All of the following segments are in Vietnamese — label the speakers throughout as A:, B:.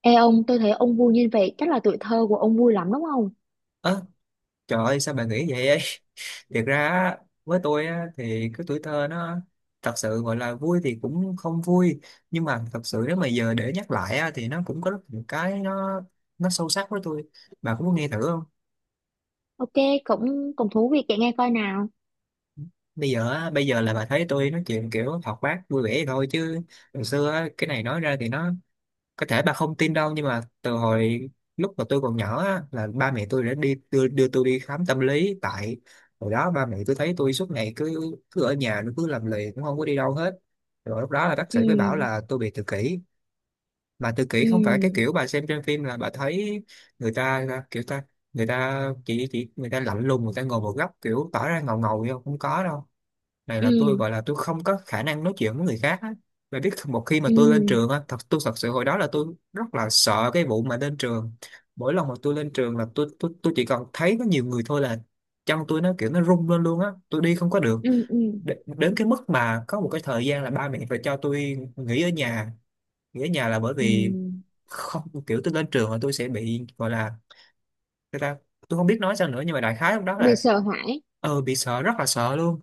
A: Ê ông, tôi thấy ông vui như vậy, chắc là tuổi thơ của ông vui lắm đúng không?
B: Ơ, trời ơi, sao bà nghĩ vậy ấy? Thiệt ra á, với tôi á, thì cái tuổi thơ nó thật sự gọi là vui thì cũng không vui, nhưng mà thật sự nếu mà giờ để nhắc lại á, thì nó cũng có rất nhiều cái nó sâu sắc với tôi. Bà cũng muốn nghe thử không?
A: Ok, cũng cũng thú vị kể nghe coi nào.
B: Bây giờ á, bây giờ là bà thấy tôi nói chuyện kiểu hoạt bát vui vẻ vậy thôi, chứ hồi xưa á, cái này nói ra thì nó có thể bà không tin đâu, nhưng mà từ hồi lúc mà tôi còn nhỏ á, là ba mẹ tôi đã đi đưa, tôi đi khám tâm lý. Tại hồi đó ba mẹ tôi thấy tôi suốt ngày cứ cứ ở nhà, nó cứ làm lì, cũng không có đi đâu hết. Rồi lúc đó là bác
A: Ừ,
B: sĩ mới bảo là tôi bị tự kỷ. Mà tự kỷ không phải cái
A: ừ,
B: kiểu bà xem trên phim là bà thấy người ta kiểu ta người ta, chỉ người ta lạnh lùng, người ta ngồi một góc kiểu tỏ ra ngầu ngầu vậy không. Không có đâu. Này là tôi
A: ừ,
B: gọi là tôi không có khả năng nói chuyện với người khác á. Và biết một khi mà
A: ừ,
B: tôi lên trường á, tôi thật sự hồi đó là tôi rất là sợ cái vụ mà lên trường. Mỗi lần mà tôi lên trường là tôi chỉ còn thấy có nhiều người thôi là chân tôi nó kiểu nó rung lên luôn á, tôi đi không có được.
A: ừ, ừ,
B: Đến cái mức mà có một cái thời gian là ba mẹ phải cho tôi nghỉ ở nhà. Nghỉ ở nhà là bởi
A: ừ.
B: vì không, kiểu tôi lên trường là tôi sẽ bị gọi là người ta, tôi không biết nói sao nữa, nhưng mà đại khái lúc đó
A: Bị
B: là
A: sợ hãi.
B: bị sợ, rất là sợ luôn.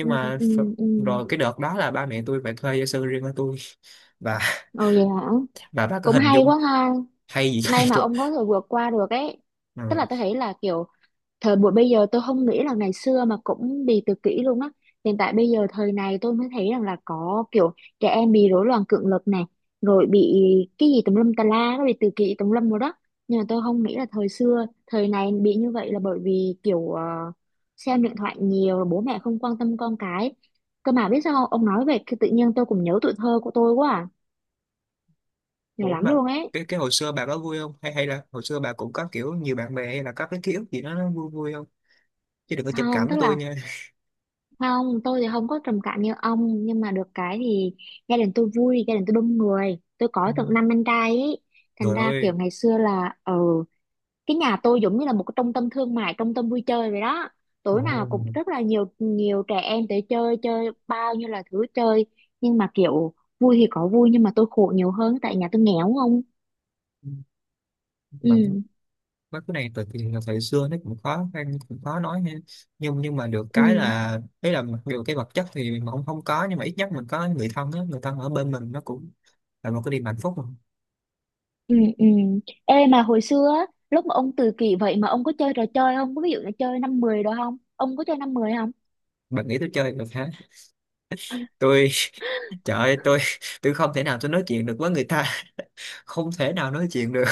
A: Ừ,
B: mà
A: ừ, ừ.
B: rồi cái đợt đó là ba mẹ tôi phải thuê gia sư riêng cho tôi và
A: Ồ vậy hả?
B: bà bác có
A: Cũng
B: hình
A: hay
B: dung.
A: quá ha.
B: Hay gì hay
A: May mà
B: tôi.
A: ông có thể vượt qua được ấy. Tức
B: Ừ.
A: là tôi thấy là kiểu thời buổi bây giờ tôi không nghĩ là ngày xưa mà cũng đi tự kỷ luôn á, hiện tại bây giờ thời này tôi mới thấy rằng là có kiểu trẻ em bị rối loạn cưỡng lực này, rồi bị cái gì tùm lum tà la, nó bị tự kỷ tùm lum rồi đó. Nhưng mà tôi không nghĩ là thời xưa thời này bị như vậy là bởi vì kiểu xem điện thoại nhiều, bố mẹ không quan tâm con cái. Cơ mà biết sao không? Ông nói vậy cái tự nhiên tôi cũng nhớ tuổi thơ của tôi quá à, nhiều
B: Ủa
A: lắm
B: mà
A: luôn ấy.
B: cái hồi xưa bà có vui không, hay hay là hồi xưa bà cũng có kiểu nhiều bạn bè, hay là có cái ký ức gì đó nó vui vui không? Chứ đừng có chụp
A: Không
B: cảm với
A: tức
B: tôi
A: là,
B: nha.
A: không, tôi thì không có trầm cảm như ông. Nhưng mà được cái thì gia đình tôi vui, gia đình tôi đông người. Tôi
B: Ừ.
A: có tận năm anh trai ấy.
B: Trời
A: Thành ra
B: ơi.
A: kiểu ngày xưa là ừ, cái nhà tôi giống như là một cái trung tâm thương mại, trung tâm vui chơi vậy đó.
B: Ồ,
A: Tối nào cũng rất là nhiều nhiều trẻ em tới chơi, chơi bao nhiêu là thứ chơi. Nhưng mà kiểu vui thì có vui, nhưng mà tôi khổ nhiều hơn tại nhà tôi nghèo không.
B: mà
A: Ừ,
B: mấy cái này từ thời xưa nó cũng khó khăn, cũng khó nói ha, nhưng mà được cái
A: ừ,
B: là đấy là mặc dù cái vật chất thì mà không không có, nhưng mà ít nhất mình có người thân á, người thân ở bên mình, nó cũng là một cái niềm hạnh phúc mà.
A: ừ, ừ. Ê mà hồi xưa á, lúc mà ông tự kỷ vậy mà ông có chơi trò chơi không? Có ví dụ là chơi năm mười đó không? Ông có chơi năm mười không?
B: Bạn nghĩ tôi chơi được hả? Tôi, trời ơi, tôi không thể nào, tôi nói chuyện được với người ta không thể nào nói chuyện được.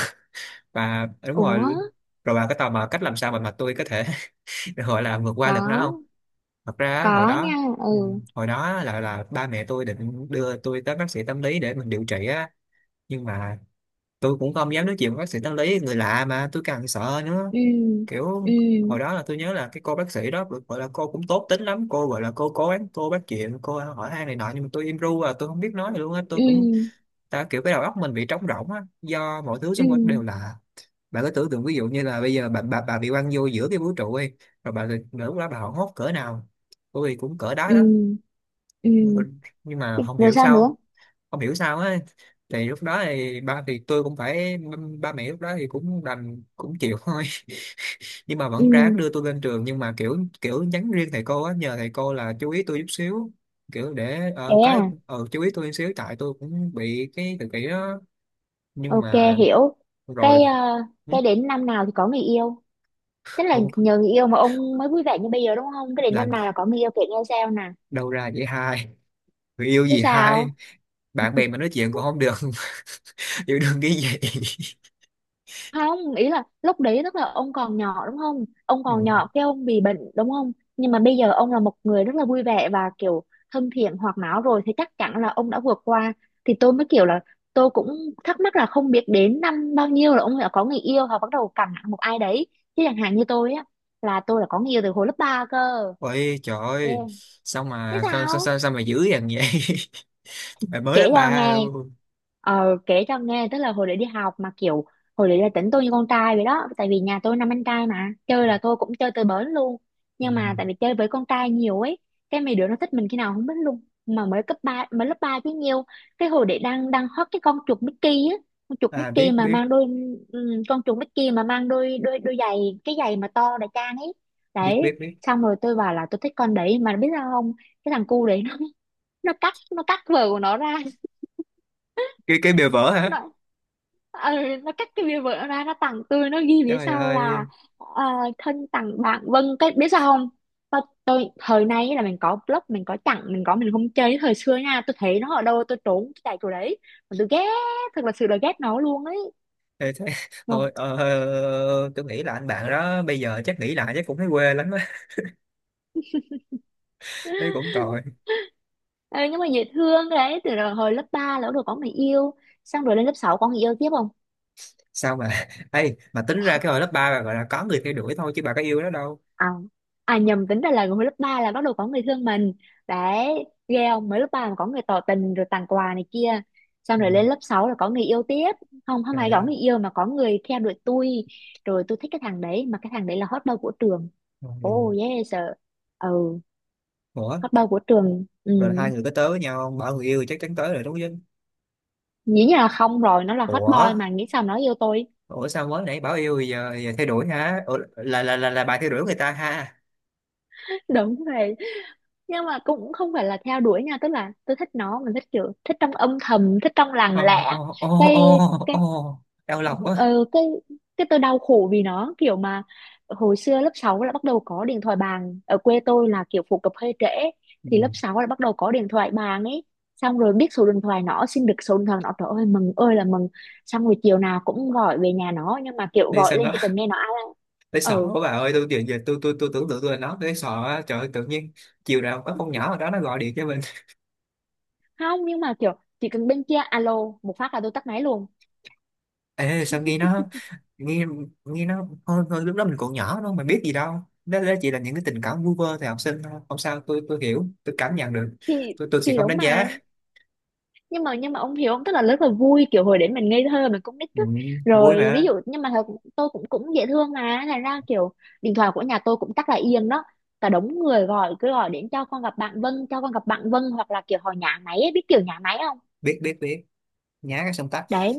B: Và đúng rồi,
A: Ủa,
B: rồi bà có tò mò cách làm sao mà tôi có thể gọi là vượt qua được nó không?
A: có,
B: Thật ra á, hồi
A: có nha,
B: đó, ừ,
A: ừ,
B: hồi đó là ba mẹ tôi định đưa tôi tới bác sĩ tâm lý để mình điều trị á, nhưng mà tôi cũng không dám nói chuyện với bác sĩ tâm lý, người lạ mà tôi càng sợ nữa.
A: ừ, ừ,
B: Kiểu hồi đó là tôi nhớ là cái cô bác sĩ đó được gọi là cô cũng tốt tính lắm, cô gọi là cô cố gắng cô bắt chuyện cô hỏi han này nọ, nhưng mà tôi im ru à, tôi không biết nói gì luôn á, tôi
A: ừ,
B: cũng ta kiểu cái đầu óc mình bị trống rỗng á, do mọi thứ
A: ừ,
B: xung quanh đều lạ. Bạn cứ tưởng tượng, ví dụ như là bây giờ bà bị quăng vô giữa cái vũ trụ đi, rồi lúc đó bà hoảng hốt cỡ nào. Tôi thì cũng cỡ đó
A: ừ,
B: đó.
A: ừ.
B: Nhưng mà không
A: Rồi
B: hiểu
A: sao nữa?
B: sao, không hiểu sao á thì lúc đó thì tôi cũng phải, ba mẹ lúc đó thì cũng đành cũng chịu thôi. Nhưng mà
A: Ừ,
B: vẫn ráng đưa tôi lên trường, nhưng mà kiểu kiểu nhắn riêng thầy cô á, nhờ thầy cô là chú ý tôi chút xíu, kiểu để
A: thế
B: ờ, có
A: à,
B: ờ, chú ý tôi chút xíu, tại tôi cũng bị cái tự kỷ đó. Nhưng
A: ok,
B: mà
A: hiểu.
B: rồi
A: Cái, ờ,
B: ừ,
A: cái đến năm nào thì có người yêu? Tức là
B: không,
A: nhờ người yêu mà ông mới vui vẻ như bây giờ đúng không? Cái đến năm
B: làm
A: nào là có người yêu kể nghe sao nè.
B: đâu ra vậy hai? Người yêu
A: Chứ
B: gì
A: sao?
B: hai? Bạn bè mà nói chuyện cũng không được, yêu đương cái gì.
A: Không, ý là lúc đấy tức là ông còn nhỏ đúng không, ông
B: Ừ.
A: còn nhỏ cái ông bị bệnh đúng không, nhưng mà bây giờ ông là một người rất là vui vẻ và kiểu thân thiện hoạt náo, rồi thì chắc chắn là ông đã vượt qua. Thì tôi mới kiểu là tôi cũng thắc mắc là không biết đến năm bao nhiêu là ông đã có người yêu hoặc bắt đầu cằn nhằn một ai đấy. Chứ chẳng hạn như tôi á, là tôi là có người yêu từ hồi lớp 3 cơ.
B: Ôi trời
A: Ghê.
B: ơi, sao
A: Chứ
B: mà
A: sao,
B: sao mà dữ dằn vậy? Mày mới lớp
A: kể cho
B: 3
A: nghe.
B: luôn.
A: Ờ kể cho nghe, tức là hồi để đi học mà kiểu hồi để là tính tôi như con trai vậy đó, tại vì nhà tôi năm anh trai mà chơi là tôi cũng chơi tới bến luôn.
B: Ừ.
A: Nhưng mà tại vì chơi với con trai nhiều ấy, cái mấy đứa nó thích mình khi nào không biết luôn, mà mới cấp 3, mới lớp 3 chứ nhiều. Cái hồi để đang đang hot cái con chuột Mickey á, con chuột
B: À,
A: Mickey
B: biết
A: mà
B: biết
A: mang đôi, con chuột Mickey mà mang đôi đôi đôi giày, cái giày mà to đại trang ấy.
B: biết
A: Đấy,
B: biết biết.
A: xong rồi tôi bảo là tôi thích con đấy mà biết sao không. Cái thằng cu đấy nó nó cắt vợ của nó ra,
B: Cái bìa vỡ hả?
A: nó ờ, nó cắt cái bìa vợ ra nó tặng tôi, nó ghi phía
B: Trời
A: sau là
B: ơi.
A: ờ, thân tặng bạn Vân cái biết sao không. Tôi thời nay là mình có blog, mình có chặn, mình có mình không chơi, thời xưa nha tôi thấy nó ở đâu tôi trốn, tôi chạy chỗ đấy mà tôi ghét, thật là sự là ghét nó luôn ấy.
B: Ê, thế,
A: Vâng.
B: thôi ờ, tôi nghĩ là anh bạn đó bây giờ chắc nghĩ lại chắc cũng thấy quê lắm á, thấy cũng tội.
A: Ờ, nhưng mà dễ thương đấy, từ rồi hồi lớp 3 là bắt đầu có người yêu, xong rồi lên lớp 6 có người yêu tiếp không?
B: Sao mà Ê, mà tính ra cái hồi lớp 3 bà gọi là có người theo đuổi thôi chứ bà có yêu nó đâu.
A: À, à nhầm, tính ra là hồi lớp 3 là bắt đầu có người thương mình. Đấy ghê không, mới lớp 3 mà có người tỏ tình rồi tặng quà này kia. Xong
B: Ừ.
A: rồi lên lớp 6 là có người yêu tiếp. Không, không ai
B: Trời
A: có
B: ơi.
A: người yêu mà có người theo đuổi tôi. Rồi tôi thích cái thằng đấy, mà cái thằng đấy là hot boy của trường. Oh yes sir. Ừ,
B: Ủa,
A: hot boy của trường. Ừ,
B: rồi là hai người có tới với nhau không? Bảo người yêu thì chắc chắn tới rồi đúng chứ.
A: nghĩ như là không rồi, nó là hot
B: Ủa?
A: boy mà nghĩ sao nó yêu tôi.
B: Sao mới nãy bảo yêu giờ, giờ thay đổi hả? Ủa, là bà thay đổi người ta ha.
A: Đúng rồi. Nhưng mà cũng không phải là theo đuổi nha, tức là tôi thích nó, mình thích kiểu thích trong âm thầm, thích trong
B: Ô
A: lặng lẽ.
B: ô ô
A: cái
B: ô
A: cái
B: Ô, đau lòng quá.
A: ờ, cái cái tôi đau khổ vì nó kiểu mà hồi xưa lớp 6 là bắt đầu có điện thoại bàn, ở quê tôi là kiểu phổ cập hơi trễ. Thì lớp
B: Ừ.
A: 6 là bắt đầu có điện thoại bàn ấy. Xong rồi biết số điện thoại nó, xin được số điện thoại nó, trời ơi mừng ơi là mừng. Xong rồi chiều nào cũng gọi về nhà nó, nhưng mà kiểu
B: Ê,
A: gọi
B: sao
A: lên
B: nó
A: chỉ cần nghe nó alo,
B: tới sọ
A: ừ.
B: quá bà ơi, tôi giờ, tôi tưởng tượng tôi là nó tới sọ á. Trời ơi, tự nhiên chiều nào có con nhỏ ở đó nó gọi điện cho mình.
A: Không, nhưng mà kiểu chỉ cần bên kia alo một phát là tôi tắt máy luôn.
B: Ê, sao nghe nó, nghe nghe nó thôi, lúc đó mình còn nhỏ đâu mà biết gì đâu. Đó, chỉ là những cái tình cảm vu vơ thì học sinh thôi, không sao, tôi hiểu, tôi cảm nhận được,
A: thì
B: tôi sẽ
A: thì
B: không
A: đúng
B: đánh giá.
A: mà. Nhưng mà ông hiểu không, tức là rất là vui kiểu hồi đấy mình ngây thơ, mình cũng nít
B: Ừ,
A: á.
B: vui
A: Rồi ví
B: mà.
A: dụ nhưng mà thật tôi cũng cũng dễ thương mà, thành ra kiểu điện thoại của nhà tôi cũng chắc là yên đó. Cả đống người gọi, cứ gọi đến cho con gặp bạn Vân, cho con gặp bạn Vân, hoặc là kiểu họ nhã máy ấy, biết kiểu nhã máy không.
B: Biết biết biết, nhá cái xong tắt.
A: Đấy.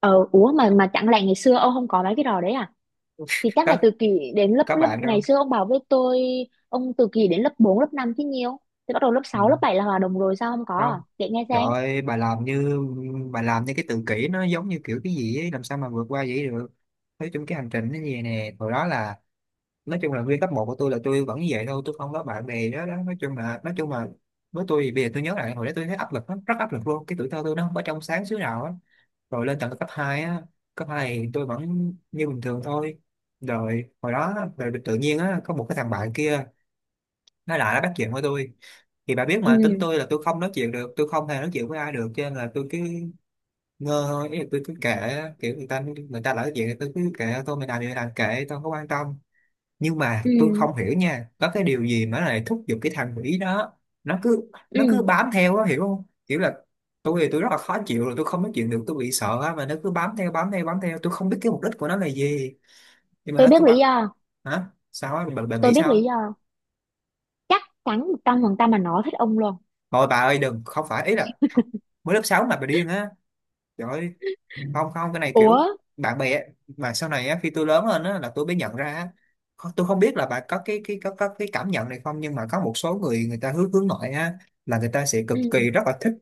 A: Ờ ủa, mà chẳng lẽ ngày xưa ông không có mấy cái trò đấy à? Thì chắc là
B: có
A: từ kỳ đến lớp
B: có
A: lớp
B: bạn đâu.
A: ngày xưa ông bảo với tôi ông từ kỳ đến lớp 4 lớp 5 chứ nhiều. Thì bắt đầu lớp
B: Ừ,
A: sáu lớp 7 là hòa đồng rồi, sao không có à,
B: không,
A: kể nghe
B: trời
A: xem.
B: ơi, bà làm như cái tự kỷ nó giống như kiểu cái gì ấy, làm sao mà vượt qua vậy được. Nói chung cái hành trình nó như vậy nè, hồi đó là, nói chung là nguyên cấp một của tôi là tôi vẫn như vậy thôi, tôi không có bạn bè đó, đó. Nói chung là với tôi thì bây giờ tôi nhớ lại hồi đó tôi thấy áp lực lắm, rất áp lực luôn, cái tuổi thơ tôi nó không có trong sáng xíu nào á. Rồi lên tận cấp 2 á, cấp 2 thì tôi vẫn như bình thường thôi. Rồi hồi đó rồi tự nhiên á có một cái thằng bạn kia, nó bắt chuyện với tôi. Thì bà biết
A: Ừ,
B: mà, tính tôi là tôi không nói chuyện được, tôi không hề nói chuyện với ai được, cho nên là tôi cứ ngơ thôi, ý là tôi cứ kệ, kiểu người ta nói chuyện thì tôi cứ kệ tôi, mình làm gì mình làm, kệ tôi, không quan tâm. Nhưng mà
A: ừ,
B: tôi không hiểu nha, có cái điều gì mà nó lại thúc giục cái thằng Mỹ đó
A: ừ.
B: nó cứ bám theo đó, hiểu không, kiểu là tôi thì tôi rất là khó chịu rồi, tôi không nói chuyện được, tôi bị sợ á, mà nó cứ bám theo bám theo bám theo, tôi không biết cái mục đích của nó là gì, nhưng mà nó
A: Tôi biết
B: cứ
A: lý
B: bám.
A: do.
B: Hả, sao á bà
A: Tôi
B: nghĩ
A: biết
B: sao á?
A: lý do, chắc chắn 100% mà nó thích ông luôn.
B: Thôi bà ơi đừng, không phải, ý là mới lớp 6 mà bà điên á. Trời ơi, không, không, cái này
A: Ủa.
B: kiểu bạn bè á, mà sau này á, khi tôi lớn lên á, là tôi mới nhận ra á, tôi không biết là bạn có cái có, cái cảm nhận này không, nhưng mà có một số người, người ta hướng hướng nội á, là người ta sẽ cực
A: Ừ,
B: kỳ rất là thích,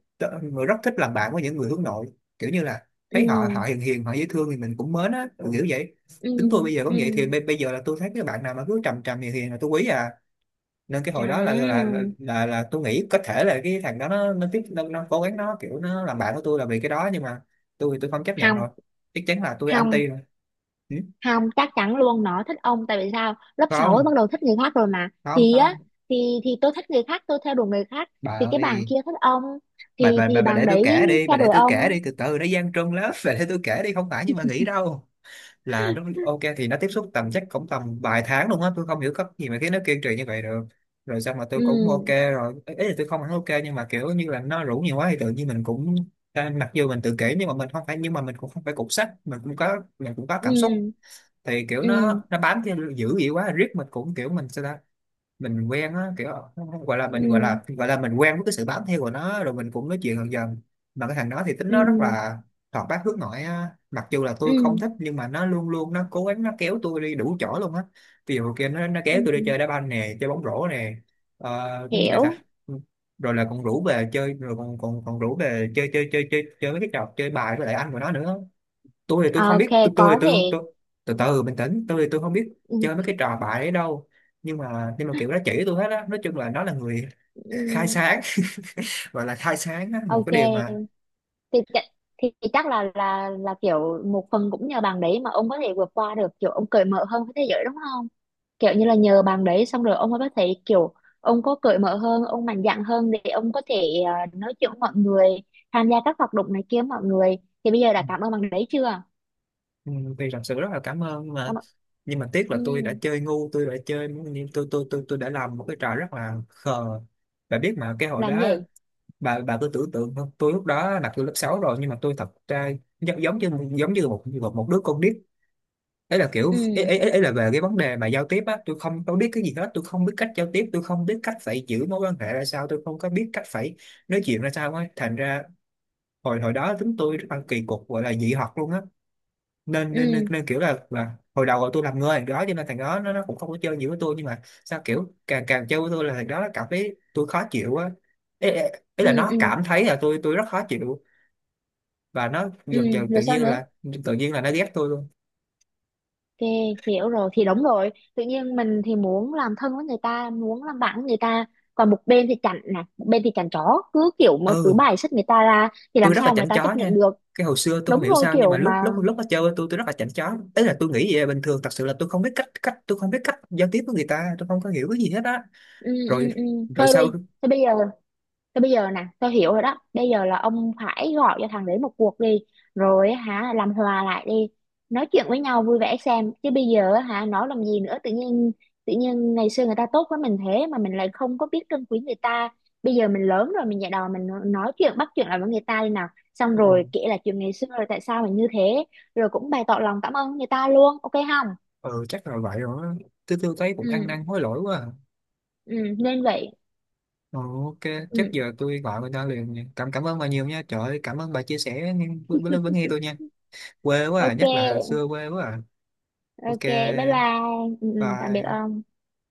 B: rất thích làm bạn với những người hướng nội, kiểu như là
A: ừ,
B: thấy họ họ hiền hiền, họ dễ thương thì mình cũng mến á, kiểu vậy.
A: ừ,
B: Tính tôi bây giờ
A: ừ.
B: cũng vậy, thì bây giờ là tôi thấy cái bạn nào mà cứ trầm trầm hiền hiền là tôi quý à. Nên cái hồi đó
A: À,
B: là tôi nghĩ có thể là cái thằng đó nó tiếp, nó cố gắng kiểu nó làm bạn của tôi là vì cái đó. Nhưng mà tôi thì tôi không chấp nhận
A: không,
B: rồi, chắc chắn là tôi
A: không,
B: anti rồi. Ừ?
A: không, chắc chắn luôn nó thích ông, tại vì sao lớp 6
B: không
A: bắt đầu thích người khác rồi mà.
B: không
A: Thì á,
B: không
A: thì tôi thích người khác, tôi theo đuổi người khác.
B: bà
A: Thì cái bạn
B: ơi.
A: kia thích ông,
B: bà
A: thì
B: bà bà
A: thì
B: bà
A: bạn
B: để tôi
A: đấy
B: kể đi, bà
A: theo
B: để
A: đuổi
B: tôi kể
A: ông.
B: đi, từ từ nó gian truân lắm. Bà để tôi kể đi, không phải, nhưng mà nghĩ đâu là lúc ok thì nó tiếp xúc tầm chắc cũng tầm vài tháng luôn á. Tôi không hiểu cách gì mà khiến nó kiên trì như vậy được, rồi xong mà tôi cũng ok.
A: Ừ,
B: Rồi ý ý là tôi không hẳn ok, nhưng mà kiểu như là nó rủ nhiều quá thì tự nhiên mình cũng, à, mặc dù mình tự kỷ nhưng mà mình không phải, nhưng mà mình cũng không phải cục sắt, mình cũng có cảm xúc.
A: ừ,
B: Thì kiểu
A: ừ,
B: nó bám theo dữ vậy quá riết, mình cũng kiểu mình sao ta, mình quen á kiểu. Không, không gọi là mình, gọi
A: ừ,
B: là, mình quen với cái sự bám theo của nó, rồi mình cũng nói chuyện dần dần. Mà cái thằng đó thì tính nó rất
A: ừ,
B: là hoạt bát hướng nội á, mặc dù là tôi không
A: ừ,
B: thích nhưng mà nó luôn luôn nó cố gắng nó kéo tôi đi đủ chỗ luôn á. Ví dụ kia nó
A: ừ,
B: kéo tôi đi chơi đá banh nè, chơi bóng rổ nè, ờ, cái gì nữa ta,
A: hiểu.
B: ừ, rồi là còn rủ về chơi, rồi còn còn còn rủ về chơi chơi chơi chơi chơi mấy cái trò chơi bài với lại anh của nó nữa. Tôi thì tôi không
A: Ok,
B: biết, tôi tôi thì
A: có
B: tôi
A: thể.
B: tôi từ từ bình tĩnh, tôi thì tôi không biết
A: Ừ,
B: chơi mấy cái trò bại ấy đâu. Nhưng mà kiểu nó chỉ tôi hết á, nói chung là nó là người khai
A: ừm,
B: sáng. Gọi là khai sáng á, một
A: ok,
B: cái điều mà,
A: thì, thì chắc là kiểu một phần cũng nhờ bạn đấy mà ông có thể vượt qua được, kiểu ông cởi mở hơn với thế giới đúng không. Kiểu như là nhờ bạn đấy xong rồi ông mới có thể kiểu ông có cởi mở hơn, ông mạnh dạn hơn để ông có thể nói chuyện với mọi người, tham gia các hoạt động này kia với mọi người. Thì bây giờ đã cảm ơn bạn đấy chưa?
B: ừ, thì thật sự rất là cảm ơn. nhưng mà
A: Cảm ơn.
B: nhưng mà tiếc là tôi đã
A: Ừm,
B: chơi ngu, tôi đã chơi nhưng tôi đã làm một cái trò rất là khờ. Bà biết mà, cái hồi
A: làm
B: đó,
A: gì.
B: bà cứ tưởng tượng không, tôi lúc đó là tôi lớp 6 rồi, nhưng mà tôi thật ra giống, giống như một, một đứa con nít. Ấy là kiểu ấy,
A: Ừ,
B: ấy, ấy ấy là về cái vấn đề mà giao tiếp á, tôi không tôi biết cái gì hết, tôi không biết cách giao tiếp, tôi không biết cách phải giữ mối quan hệ ra sao, tôi không có biết cách phải nói chuyện ra sao á, thành ra hồi hồi đó chúng tôi rất là kỳ cục, gọi là dị học luôn á. nên nên nên,
A: ừ,
B: nên kiểu là, hồi đầu là tôi làm người thằng đó, cho nên thằng đó nó cũng không có chơi nhiều với tôi, nhưng mà sao kiểu càng càng chơi với tôi là thằng đó nó cảm thấy tôi khó chịu á. Ấy, ấy
A: ừ,
B: là nó
A: ừ,
B: cảm thấy là tôi rất khó chịu, và nó
A: ừ.
B: dần dần tự
A: Rồi sao
B: nhiên
A: nữa?
B: là, tự nhiên là nó ghét tôi luôn.
A: Ok, hiểu rồi. Thì đúng rồi, tự nhiên mình thì muốn làm thân với người ta, muốn làm bạn với người ta. Còn một bên thì chảnh nè, một bên thì chảnh chó cứ kiểu mà cứ
B: Ừ,
A: bài xích người ta ra, thì
B: tôi
A: làm
B: rất là
A: sao người
B: chảnh
A: ta
B: chó
A: chấp nhận
B: nha.
A: được.
B: Cái hồi xưa tôi không
A: Đúng
B: hiểu
A: rồi
B: sao, nhưng mà
A: kiểu
B: lúc
A: mà.
B: lúc lúc nó chơi với tôi rất là chảnh chó, ấy là tôi nghĩ vậy là bình thường. Thật sự là tôi không biết cách, tôi không biết cách giao tiếp với người ta, tôi không có hiểu cái gì hết á.
A: Ừ, ừ,
B: Rồi,
A: ừ. thôi
B: sau,
A: bây thôi bây giờ thế bây giờ nè, tao hiểu rồi đó. Bây giờ là ông phải gọi cho thằng đấy một cuộc đi. Rồi á hả, làm hòa lại đi. Nói chuyện với nhau vui vẻ xem. Chứ bây giờ á hả, nói làm gì nữa. Tự nhiên ngày xưa người ta tốt với mình thế mà mình lại không có biết trân quý người ta. Bây giờ mình lớn rồi, mình dạy đò, mình nói chuyện, bắt chuyện lại với người ta đi nào. Xong rồi
B: ừ,
A: kể là chuyện ngày xưa rồi tại sao mình như thế. Rồi cũng bày tỏ lòng cảm ơn người ta luôn. Ok không?
B: ừ chắc là vậy rồi á. Tôi thấy cũng
A: Ừ,
B: ăn năn hối lỗi quá à.
A: ừ, nên vậy.
B: Ừ, ok chắc
A: Ừ,
B: giờ tôi gọi người ta liền nha. Cảm cảm ơn bà nhiều nha, trời ơi, cảm ơn bà chia sẻ nghe- với nghe tôi nha. Quê quá à, nhắc lại hồi
A: ok,
B: xưa quê quá à. Ok,
A: ok, bye bye. Ừ, ừ, tạm biệt
B: bye.
A: ông.